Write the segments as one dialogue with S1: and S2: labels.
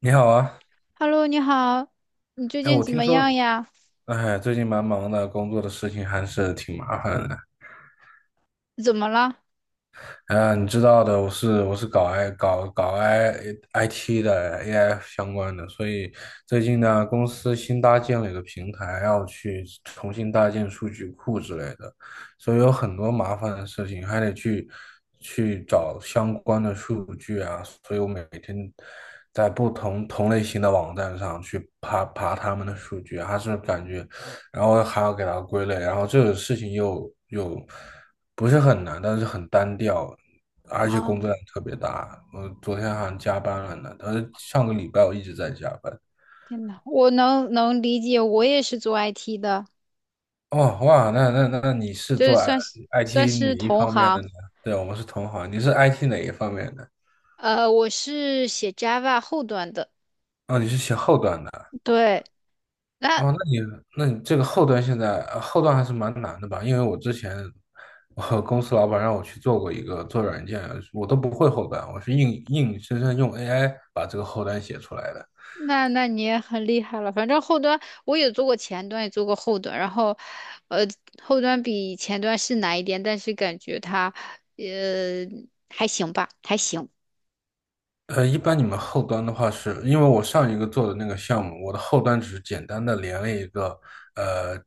S1: 你好啊，
S2: Hello，你好，你最
S1: 哎，
S2: 近
S1: 我
S2: 怎
S1: 听
S2: 么样
S1: 说，
S2: 呀？
S1: 哎，最近蛮忙的，工作的事情还是挺麻烦的。
S2: 怎么了？
S1: 啊，你知道的，我是搞 I 搞搞 I IT 的 AI 相关的，所以最近呢，公司新搭建了一个平台，要去重新搭建数据库之类的，所以有很多麻烦的事情，还得去找相关的数据啊。所以我每天在不同类型的网站上去爬他们的数据，还是感觉然后还要给它归类。然后这个事情又不是很难，但是很单调，而且工
S2: 啊，
S1: 作量特别大。我昨天好像加班了呢，但是上个礼拜我一直在加班。
S2: 天呐，我能理解，我也是做 IT 的，
S1: 哦，哇，那你是
S2: 就是
S1: 做
S2: 算是算
S1: IT 哪
S2: 是
S1: 一
S2: 同
S1: 方面的
S2: 行。
S1: 呢？对，我们是同行，你是 IT 哪一方面的？
S2: 我是写 Java 后端的。
S1: 哦，你是写后端的。
S2: 对，那
S1: 哦，那你这个后端现在呃后端还是蛮难的吧？因为我之前我公司老板让我去做过一个做软件，我都不会后端，我是硬生生用 AI 把这个后端写出来的。
S2: 那你也很厉害了。反正后端我也做过前端，也做过后端，然后呃，后端比前端是难一点，但是感觉它呃还行吧，还行。
S1: 一般你们后端的话是，因为我上一个做的那个项目，我的后端只是简单的连了一个呃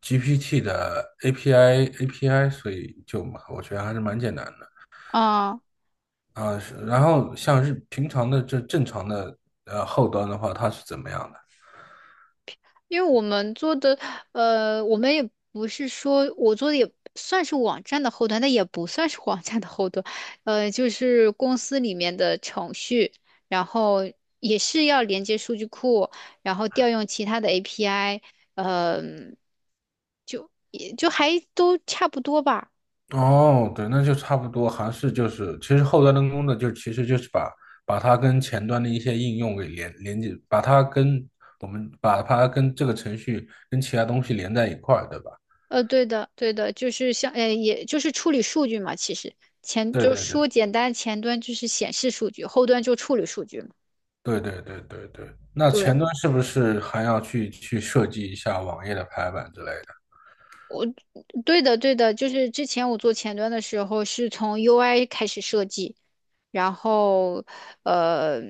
S1: GPT 的 API， 所以就嘛我觉得还是蛮简单的
S2: 啊。
S1: 啊。是然后像是平常的正常的后端的话，它是怎么样的？
S2: 因为我们做的，我们也不是说我做的也算是网站的后端，但也不算是网站的后端，就是公司里面的程序，然后也是要连接数据库，然后调用其他的 API。嗯、就也就还都差不多吧。
S1: 哦，对，那就差不多。还是就是，其实后端的工作就其实就是把它跟前端的一些应用给连接，把它跟这个程序跟其他东西连在一块儿，对吧？
S2: 对的，对的，就是像，也就是处理数据嘛。其实前
S1: 对
S2: 就
S1: 对对
S2: 说简单，前端就是显示数据，后端就处理数据嘛。
S1: 对对对对对。那
S2: 对。
S1: 前端是不是还要去设计一下网页的排版之类的？
S2: 对的，对的，就是之前我做前端的时候是从 UI 开始设计，然后呃，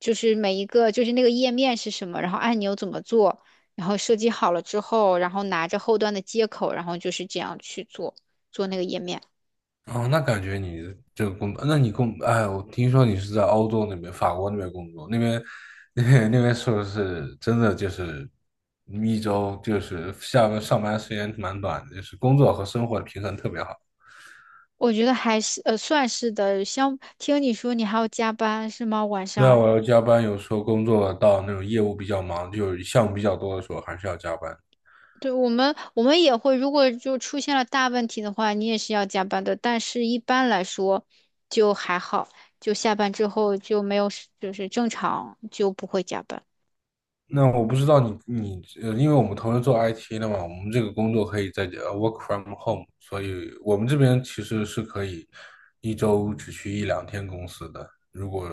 S2: 就是每一个就是那个页面是什么，然后按钮怎么做，然后设计好了之后，然后拿着后端的接口，然后就是这样去做那个页面。
S1: 哦，那感觉你这个工，那你工，哎，我听说你是在欧洲那边，法国那边工作，那边 那边是不是真的就是一周就是下班上班时间蛮短的，就是工作和生活的平衡特别好。
S2: 我觉得还是算是的，像听你说你还要加班是吗？晚
S1: 对啊，
S2: 上？
S1: 我要加班，有时候工作到那种业务比较忙，就是项目比较多的时候，还是要加班。
S2: 对，我们也会，如果就出现了大问题的话，你也是要加班的。但是一般来说就还好，就下班之后就没有事就是正常就不会加班
S1: 那我不知道你你呃，因为我们同时做 IT 的嘛，我们这个工作可以在work from home，所以我们这边其实是可以一周只去一两天公司的，如果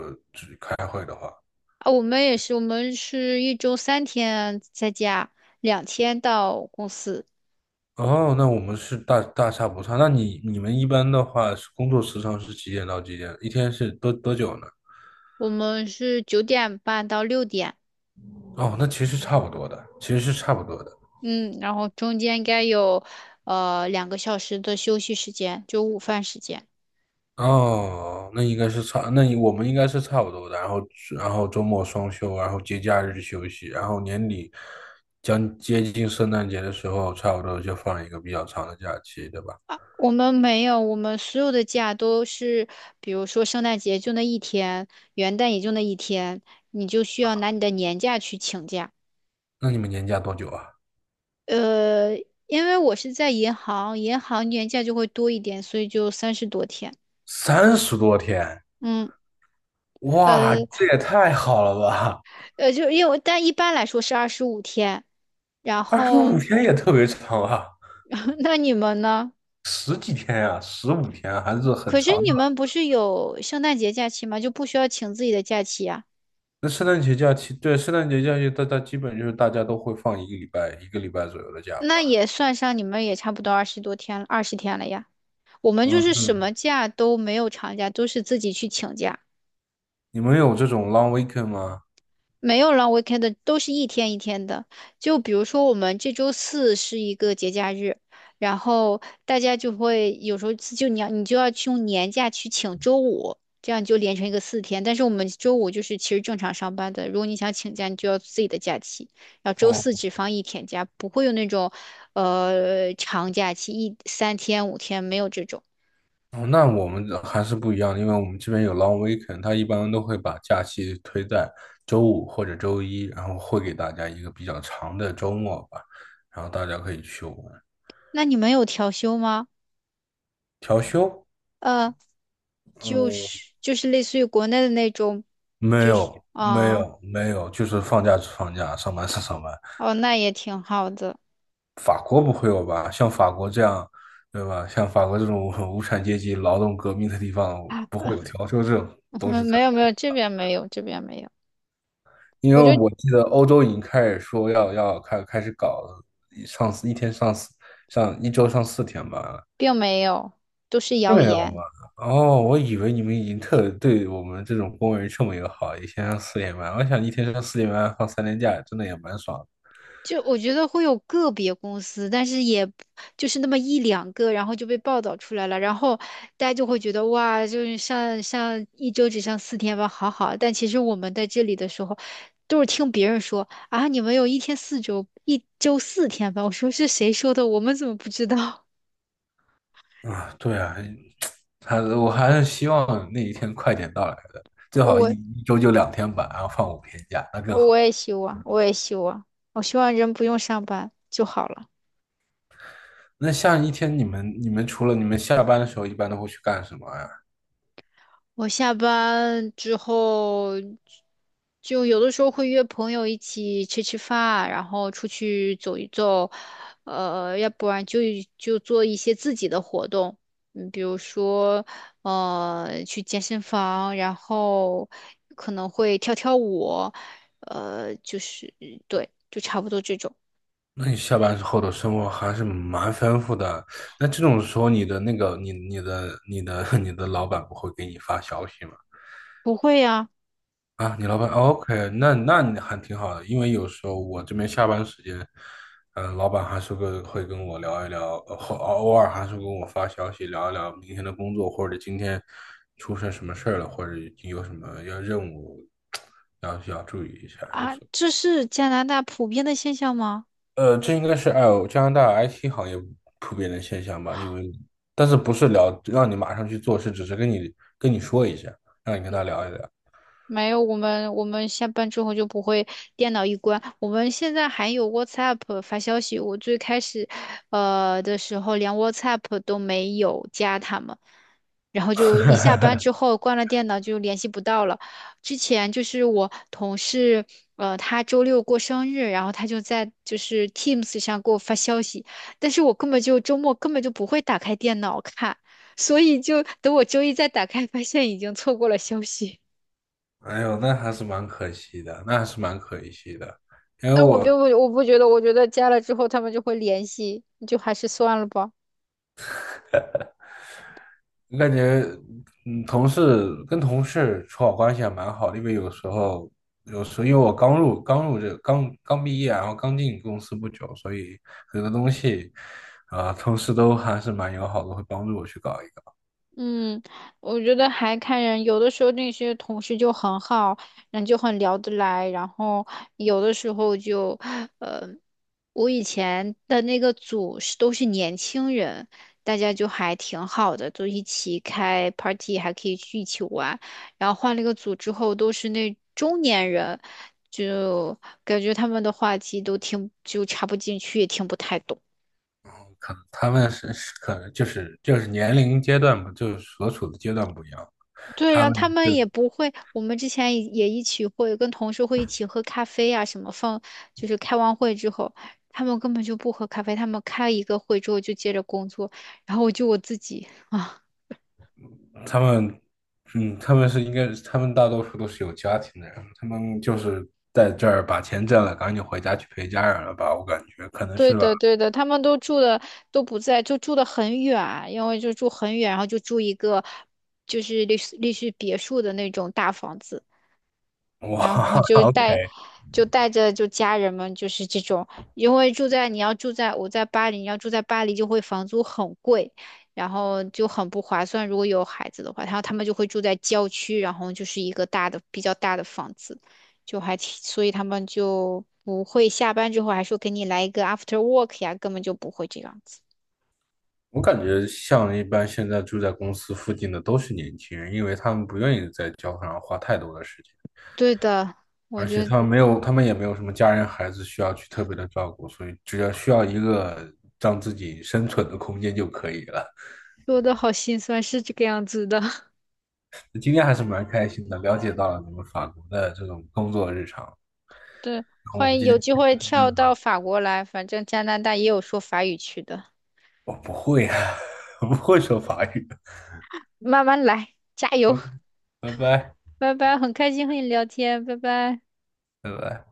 S1: 开会的话。
S2: 啊。我们也是，我们是一周三天在家，两天到公司。
S1: 哦，那我们是大差不差。那你们一般的话是工作时长是几点到几点？一天是多久呢？
S2: 我们是九点半到六点，
S1: 哦，那其实差不多的，其实是差不多的。
S2: 嗯，然后中间应该有两个小时的休息时间，就午饭时间。
S1: 哦，那你我们应该是差不多的。然后，周末双休，然后节假日休息，然后年底将接近圣诞节的时候，差不多就放一个比较长的假期，对吧？
S2: 我们没有，我们所有的假都是，比如说圣诞节就那一天，元旦也就那一天，你就需要拿你的年假去请假。
S1: 那你们年假多久啊？
S2: 呃，因为我是在银行，银行年假就会多一点，所以就三十多天。
S1: 30多天，
S2: 嗯，
S1: 哇，
S2: 呃
S1: 这也太好了吧！
S2: 就因为但一般来说是二十五天。然
S1: 二十五
S2: 后，
S1: 天也特别长啊，
S2: 那你们呢？
S1: 十几天呀，十五天啊还是很
S2: 可是
S1: 长
S2: 你
S1: 的
S2: 们
S1: 了。
S2: 不是有圣诞节假期吗？就不需要请自己的假期呀、
S1: 那圣诞节假期，对，圣诞节假期，大家基本就是大家都会放一个礼拜，一个礼拜左右的假
S2: 那
S1: 吧。
S2: 也算上，你们也差不多二十多天了，二十天了呀。我们就是什
S1: 嗯，
S2: 么假都没有长假，都是自己去请假，
S1: 你们有这种 long weekend 吗？
S2: 没有 long weekend 的，都是一天一天的。就比如说我们这周四是一个节假日，然后大家就会有时候就你就要去用年假去请周五，这样就连成一个四天。但是我们周五就是其实正常上班的，如果你想请假，你就要自己的假期，然后周
S1: 哦，
S2: 四只放一天假，不会有那种长假期一三天五天没有这种。
S1: 哦那我们的还是不一样的，因为我们这边有 long weekend，他一般都会把假期推在周五或者周一，然后会给大家一个比较长的周末吧，然后大家可以去玩。
S2: 那你们有调休吗？
S1: 调休？
S2: 呃，就
S1: 嗯，
S2: 是就是类似于国内的那种。
S1: 没
S2: 就是
S1: 有，没
S2: 哦
S1: 有，没有，就是放假是放假，上班是上班。
S2: 哦，那也挺好的。
S1: 法国不会有吧？像法国这样，对吧？像法国这种 很无产阶级劳动革命的地方，不
S2: 啊。
S1: 会有调休这种东西。
S2: 没有，这边没有，这边没有，
S1: 因为
S2: 我觉得
S1: 我记得欧洲已经开始说要开始搞了上四一天上四上一周上四天班了，
S2: 并没有，都是
S1: 并
S2: 谣
S1: 没有
S2: 言。
S1: 吗？哦，我以为你们已经特对我们这种工人这么友好，一天上四天班。我想一天上四天班放3天假，真的也蛮爽
S2: 就我觉得会有个别公司，但是也不就是那么一两个，然后就被报道出来了，然后大家就会觉得哇，就是上一周只上四天班，好好。但其实我们在这里的时候，都是听别人说啊，你们有一天四周，一周四天班。我说是谁说的？我们怎么不知道？
S1: 的啊。对啊，还是希望那一天快点到来的，最好一
S2: 我
S1: 一周就2天班，然后放5天假，那更
S2: 我
S1: 好。
S2: 也希望，我也希望，我希望人不用上班就好了。
S1: 那像一天你们除了你们下班的时候，一般都会去干什么呀？
S2: 我下班之后，就有的时候会约朋友一起吃吃饭，然后出去走一走，要不然就就做一些自己的活动。嗯，比如说，去健身房，然后可能会跳跳舞，就是对，就差不多这种。
S1: 那你下班之后的生活还是蛮丰富的。那这种时候，你的那个，你你的你的 你的老板不会给你发消息吗？
S2: 不会呀，
S1: 啊，你老板，OK，那你还挺好的，因为有时候我这边下班时间，老板还是会跟我聊一聊，呃或呃偶尔还是跟我发消息聊一聊明天的工作，或者今天出现什么事儿了，或者有什么要任务 要注意一下，有
S2: 啊，
S1: 时候。
S2: 这是加拿大普遍的现象吗？
S1: 这应该是加拿大 IT 行业普遍的现象吧，因为但是不是聊让你马上去做，是只是跟你说一下，让你跟他聊一聊。
S2: 没有，我们下班之后就不会电脑一关。我们现在还有 WhatsApp 发消息。我最开始，的时候连 WhatsApp 都没有加他们，然后就一下班之 后关了电脑就联系不到了。之前就是我同事，他周六过生日，然后他就在就是 Teams 上给我发消息，但是我根本就周末根本就不会打开电脑看，所以就等我周一再打开，发现已经错过了消息。
S1: 哎呦，那还是蛮可惜的，那还是蛮可惜的，因为
S2: 那我并
S1: 我
S2: 不，我不觉得，我觉得加了之后他们就会联系，就还是算了吧。
S1: 感觉，同事跟同事处好关系还蛮好的，因为有时候因为我刚入刚入这刚刚毕业，然后刚进公司不久，所以很多东西，啊、同事都还是蛮友好的，会帮助我去搞一个。
S2: 嗯，我觉得还看人，有的时候那些同事就很好，然后就很聊得来，然后有的时候就，呃，我以前的那个组是都是年轻人，大家就还挺好的，都一起开 party，还可以去一起玩。然后换了一个组之后，都是那中年人，就感觉他们的话题都听就插不进去，也听不太懂。
S1: 可能他们是可能就是年龄阶段不就是所处的阶段不一样，
S2: 对，
S1: 他
S2: 然后
S1: 们
S2: 他们
S1: 是
S2: 也不会，我们之前也也一起会跟同事会一起喝咖啡啊，什么放，就是开完会之后，他们根本就不喝咖啡，他们开一个会之后就接着工作，然后我就我自己啊。
S1: 他们嗯他们是应该他们大多数都是有家庭的人，他们就是在这儿把钱挣了，赶紧回家去陪家人了吧，我感觉可能
S2: 对
S1: 是吧。
S2: 的对的，他们都住的都不在，就住的很远，因为就住很远，然后就住一个就是类似别墅的那种大房子。然后
S1: 哇，
S2: 就带就带着就家人们就是这种，因为住在你要住在我在巴黎，你要住在巴黎就会房租很贵，然后就很不划算。如果有孩子的话，然后他们就会住在郊区，然后就是一个大的比较大的房子，就还挺，所以他们就不会下班之后还说给你来一个 after work 呀，根本就不会这样子。
S1: 我感觉像一般现在住在公司附近的都是年轻人，因为他们不愿意在交通上花太多的时间。
S2: 对的，我
S1: 而且
S2: 觉得
S1: 他们也没有什么家人、孩子需要去特别的照顾，所以只要需要一个让自己生存的空间就可以了。
S2: 说的好心酸，是这个样子的。
S1: 今天还是蛮开心的，了解到了你们法国的这种工作日常。然
S2: 对，
S1: 后我
S2: 欢
S1: 们
S2: 迎
S1: 今
S2: 有
S1: 天
S2: 机会跳到法国来，反正加拿大也有说法语区的，
S1: 我不会啊，我不会说法语。
S2: 慢慢来，加油，
S1: OK，拜拜，
S2: 拜拜，很开心和你聊天，拜拜。
S1: 拜拜。